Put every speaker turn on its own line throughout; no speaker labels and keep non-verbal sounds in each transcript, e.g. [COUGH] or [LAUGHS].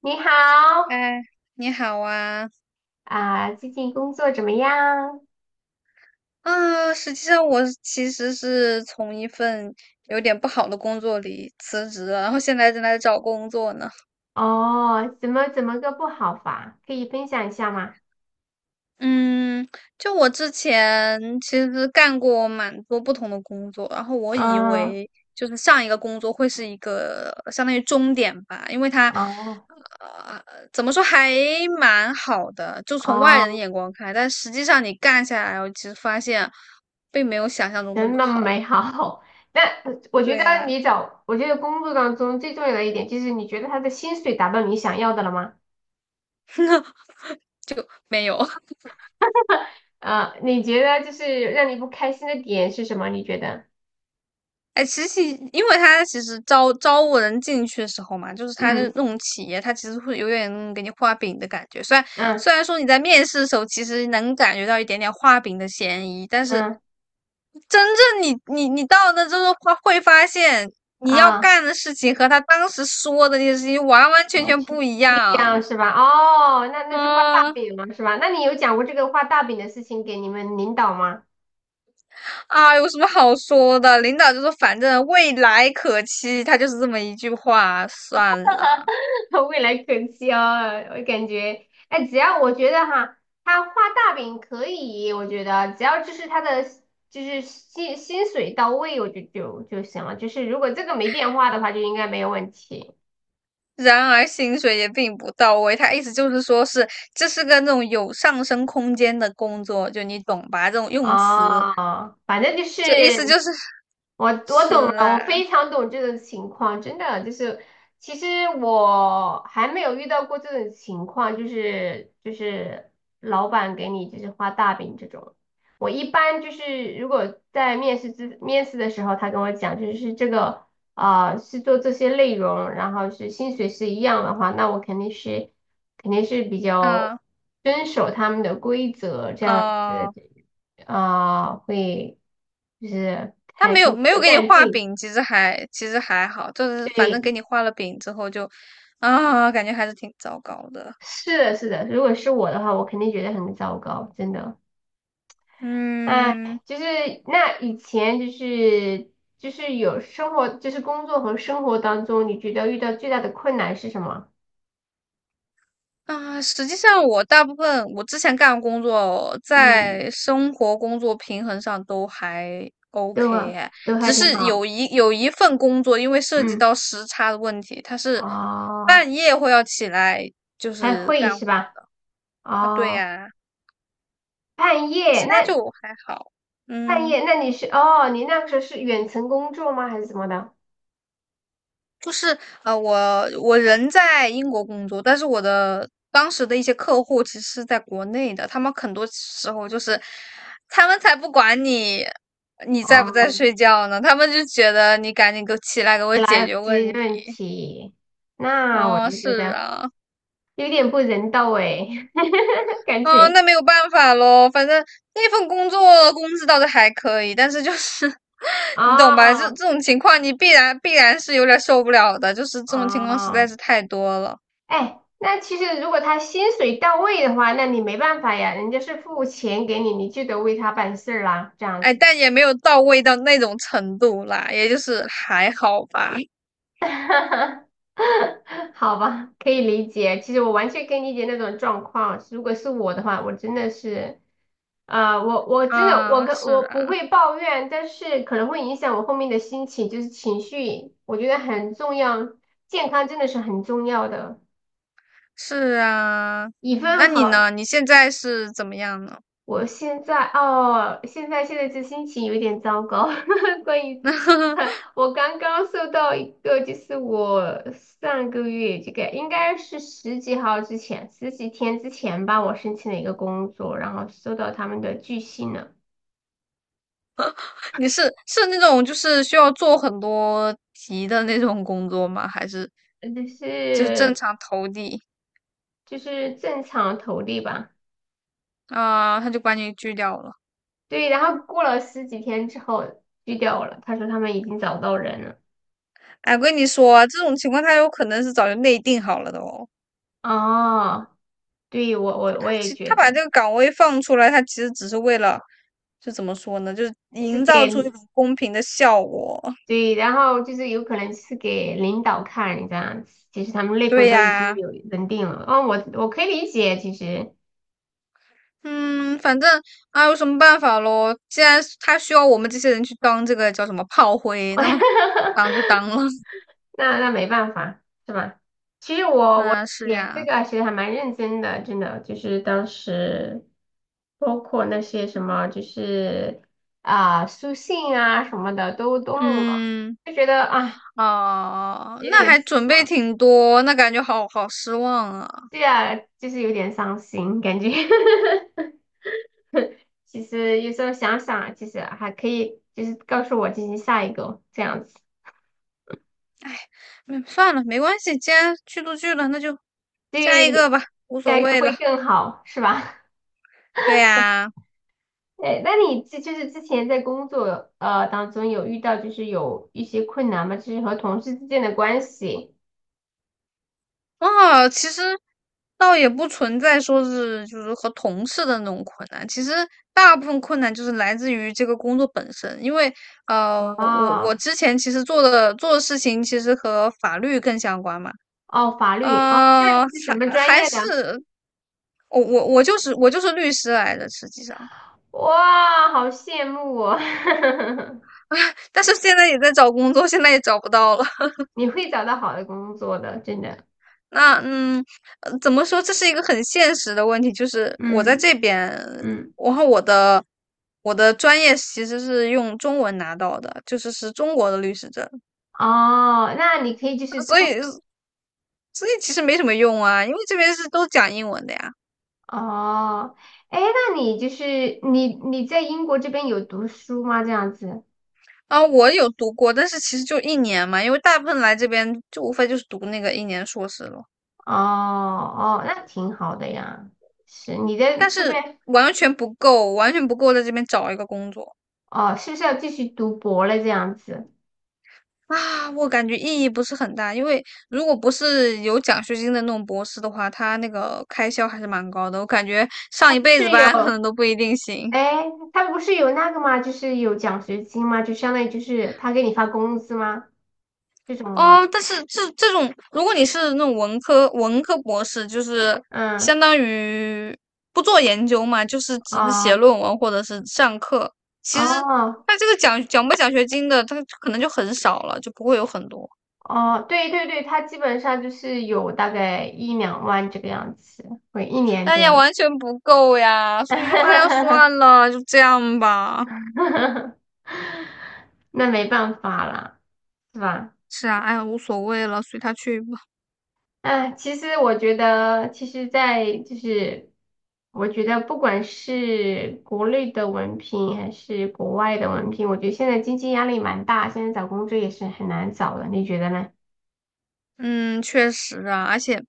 你好，
嗨，你好啊！
啊，最近工作怎么样？
啊，实际上其实是从一份有点不好的工作里辞职了，然后现在正在找工作呢。
哦，怎么个不好法？可以分享一下吗？
嗯，就我之前其实干过蛮多不同的工作，然后我以
嗯，
为就是上一个工作会是一个相当于终点吧，因为它
哦
呃怎么说还蛮好的，就从外人的
哦，
眼光看但实际上你干下来，我其实发现并没有想象中那么
真的
好。
美好。[LAUGHS] 那我觉
对
得
呀、
你找，我觉得工作当中最重要的一点就是你觉得他的薪水达到你想要的了吗？
[LAUGHS] 就没有。[LAUGHS]
啊，你觉得就是让你不开心的点是什么？你觉得？
哎，其实因为他其实招募人进去的时候嘛，就是他的
嗯
那种企业，他其实会有点那种给你画饼的感觉。虽然
嗯
虽然说你在面试的时候，其实能感觉到一点点画饼的嫌疑，但是
嗯
真正你到那之后会发现，你要
啊。
干的事情和他当时说的那些事情完完全
而
全
且
不一
不一
样。
样是吧？哦，那就画大
啊。
饼嘛，是吧？那你有讲过这个画大饼的事情给你们领导吗？
啊，有什么好说的？领导就说反正未来可期，他就是这么一句话，算了。
[LAUGHS] 未来可期哦，我感觉，哎，只要我觉得哈，他画大饼可以，我觉得只要就是他的就是薪水到位，我就行了。就是如果这个没变化的话，就应该没有问题。
然而薪水也并不到位，他意思就是说是这是个那种有上升空间的工作，就你懂吧？这种用词，
哦，反正就是
就意思就是
我懂了，
是
我
啊，
非常懂这种情况，真的就是其实我还没有遇到过这种情况，就是老板给你就是画大饼这种。我一般就是如果在面试的时候，他跟我讲就是这个啊、是做这些内容，然后是薪水是一样的话，那我肯定是比较
啊
遵守他们的规则这样子。
哦，
啊、会就是
他
还
没
跟
有没有
有
给你
干
画
劲。
饼，其实还好，就是反正
对，
给你画了饼之后就啊，感觉还是挺糟糕的，
是的，是的。如果是我的话，我肯定觉得很糟糕，真的。哎，
嗯。
就是那以前就是有生活，就是工作和生活当中，你觉得遇到最大的困难是什么？
啊，实际上我大部分我之前干的工作，
嗯，
在生活工作平衡上都还
都
OK
啊
哎，
都还
只
挺
是
好。
有一份工作，因为涉及
嗯，
到时差的问题，它是
哦，
半夜会要起来就
开
是
会
干
是
活
吧？
啊，对
哦，
呀，
半夜
其他
那
就还好，
半
嗯。
夜那你是哦，你那个时候是远程工作吗？还是怎么的？
就是我人在英国工作，但是我的当时的一些客户其实是在国内的，他们很多时候就是他们才不管你在不在
哦。
睡觉呢，他们就觉得你赶紧给我起来给我
起
解
来
决问
吃
题。
润题，那我
哦，
就觉
是
得
啊，
有点不人道哎，[LAUGHS] 感
哦，
觉
那没有办法咯，反正那份工作工资倒是还可以，但是就是 [LAUGHS] 你懂吧？这
哦
这种情况你必然是有点受不了的，就是这种情况实在
哦，
是太多了。
哎，那其实如果他薪水到位的话，那你没办法呀，人家是付钱给你，你就得为他办事儿啦，这样
哎，
子。
但也没有到位到那种程度啦，也就是还好吧。
[LAUGHS] 哈哈，好吧，可以理解。其实我完全可以理解那种状况。如果是我的话，我真的是，啊、我真的我
啊，
跟
是
我不
啊，
会抱怨，但是可能会影响我后面的心情，就是情绪，我觉得很重要，健康真的是很重要的。
是啊，
一
嗯，那
份
你呢？
好
你现在是怎么样呢？
我现在哦，现在这心情有点糟糕。[LAUGHS] 关于
[LAUGHS]
[LAUGHS] 我刚刚收到一个，就是我上个月这个应该是十几号之前，十几天之前吧，我申请了一个工作，然后收到他们的拒信了，
你是那种就是需要做很多题的那种工作吗？还是
呃就
就是正
是
常投递
就是正常投递吧。
啊，他就把你拒掉了？
对，然后过了十几天之后拒掉我了，他说他们已经找到人了。
哎，我跟你说啊，这种情况他有可能是早就内定好了的哦。
哦，对，我
他
也
其
觉
他把
得，
这个岗位放出来，他其实只是为了就怎么说呢，就是
就是
营造
给。
出一种公平的效果。
对，然后就是有可能是给领导看这样子，其实他们内部
对
都已经
呀，
有人定了。哦，我可以理解，其实，
嗯，反正啊，有什么办法咯？既然是他需要我们这些人去当这个叫什么炮灰，那
[LAUGHS]
么当就当了。[LAUGHS]
那没办法，是吧？其实我
啊，是
写这
呀，
个其实还蛮认真的，真的，就是当时包括那些什么，就是啊、书信啊什么的都弄了，
嗯，
就觉得啊
哦，
有
那
点
还
失
准备
望，
挺多，那感觉好好失望啊。
对啊，就是有点伤心感觉。[LAUGHS] 其实有时候想想，其实还可以，就是告诉我进行下一个这样子，
哎，嗯，算了，没关系，既然去都去了，那就下一个
对，
吧，无
下
所
一个
谓了。
会更好，是吧？
对呀。
[LAUGHS] 哎，那你这就是之前在工作当中有遇到就是有一些困难吗？就是和同事之间的关系？
啊，其实倒也不存在说是就是和同事的那种困难，其实大部分困难就是来自于这个工作本身，因为我
哦
之前其实做的事情其实和法律更相关嘛，
哦，法律哦，那
呃，
你是什么
还
专
还
业的？
是我就是律师来的，实际上，
哇，好羡慕我，
但是现在也在找工作，现在也找不到了。
[LAUGHS] 你会找到好的工作的，真的。
那嗯，怎么说？这是一个很现实的问题，就是我在
嗯
这边，
嗯，
然后我的专业其实是用中文拿到的，就是是中国的律师证，
哦，那你可以就是
所
通。
以所以其实没什么用啊，因为这边是都讲英文的呀。
哦，哎，那你就是你在英国这边有读书吗？这样子？
啊，我有读过，但是其实就一年嘛，因为大部分来这边就无非就是读那个一年硕士了，
哦哦，那挺好的呀。是你在
但
这
是
边
完全不够，完全不够在这边找一个工作。
哦，是不是要继续读博了？这样子？
啊，我感觉意义不是很大，因为如果不是有奖学金的那种博士的话，他那个开销还是蛮高的。我感觉上
他
一
不
辈子
是有
班可能都不一定行
哎，他不是有那个吗？就是有奖学金吗？就相当于就是他给你发工资吗？这种吗？
哦。但是这种，如果你是那种文科博士，就是
嗯，
相当于不做研究嘛，就是只是
啊，
写论文或者是上课。其实
哦
他这个奖不奖学金的，他可能就很少了，就不会有很多。
哦，对对对，他基本上就是有大概一两万这个样子，会一年
哎
这
呀，
样。
完全不够呀！所以说，哎呀，算
[LAUGHS]
了，就这样吧。
[LAUGHS] 那没办法啦，是吧？
是啊，哎呀，无所谓了，随他去吧。
哎，其实我觉得，其实，在就是，我觉得不管是国内的文凭还是国外的文凭，我觉得现在经济压力蛮大，现在找工作也是很难找的，你觉得呢？
嗯，确实啊，而且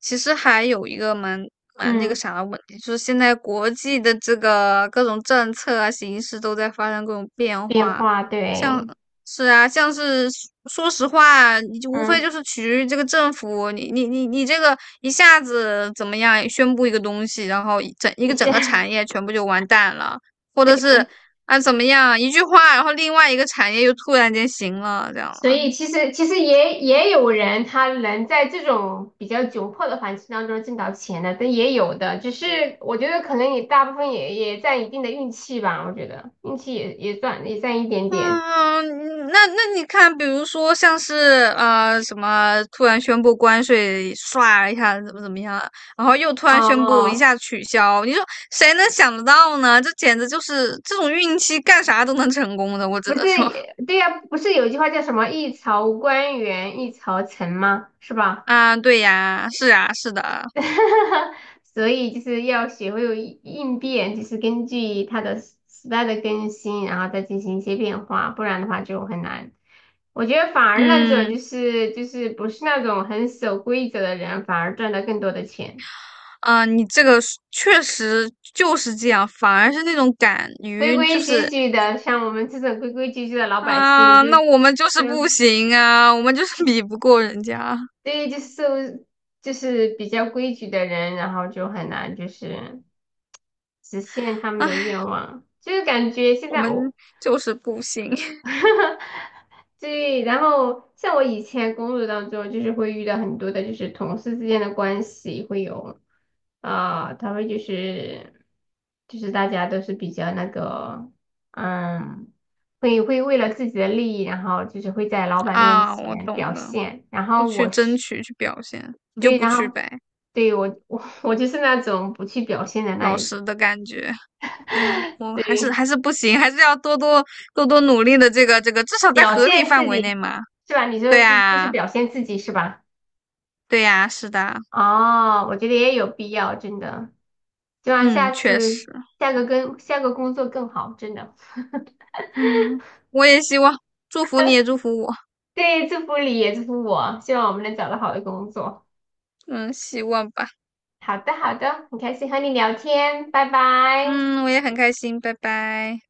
其实还有一个蛮那个
嗯，
啥的问题，就是现在国际的这个各种政策啊、形势都在发生各种变
变
化，
化，
像
对，
像是说实话，你就无非
嗯，
就是取决于这个政府，你这个一下子怎么样宣布一个东西，然后一整一
你
个整
现
个
在
产业全部就完蛋了，或者是啊怎么样一句话，然后另外一个产业又突然间行了，这样
所
啊。
以其实也有人他能在这种比较窘迫的环境当中挣到钱的，但也有的，只是我觉得可能也大部分也占一定的运气吧，我觉得运气也占一点点。
嗯，嗯，那你看，比如说像是什么突然宣布关税，唰一下怎么怎么样，然后又突然宣布一
哦，
下取消，你说谁能想得到呢？这简直就是这种运气，干啥都能成功的，我只
不是
能说 [LAUGHS]
也，对呀、不是有句话叫什么"一朝官员一朝臣"吗？是吧？
啊，对呀，是啊，是的，
[LAUGHS] 所以就是要学会有应变，就是根据它的时代的更新，然后再进行一些变化，不然的话就很难。我觉得反而那种
嗯
就是不是那种很守规则的人，反而赚到更多的钱。
你这个是确实就是这样，反而是那种敢
规
于就
规矩
是
矩的，像我们这种规规矩矩的老百姓，
啊，
就
那我们就
这
是
个
不行啊，我们就是比不过人家。
对，就是受就是比较规矩的人，然后就很难就是实现他们的愿望。就是感觉现
我
在
们
我
就是不行 [LAUGHS]
[LAUGHS] 对，然后像我以前工作当中，就是会遇到很多的，就是同事之间的关系会有啊，他们就是大家都是比较那个，嗯，会为了自己的利益，然后就是会在老板面
啊！我
前
懂
表
的，
现，然
我
后
去
我
争
是
取去表现，你就
对，
不
然
去
后
呗，
对我 [LAUGHS] 我就是那种不去表现的那
老
一种，
实的感觉。哎呀，我还是
对，
还是不行，还是要多多努力的。至少在
表
合理
现
范
自
围内
己
嘛。
是吧？你说
对
是就是
呀，
表现自己是吧？
对呀，是的，
哦，我觉得也有必要，真的，希望
嗯，
下
确
次
实，
下个工作更好，真的。[LAUGHS]
嗯，我也希望，祝福你也祝福我，
对，祝福你也祝福我，希望我们能找到好的工作。
嗯，希望吧，
好的，好的，很开心和你聊天，拜拜。
嗯，我也很开心，拜拜。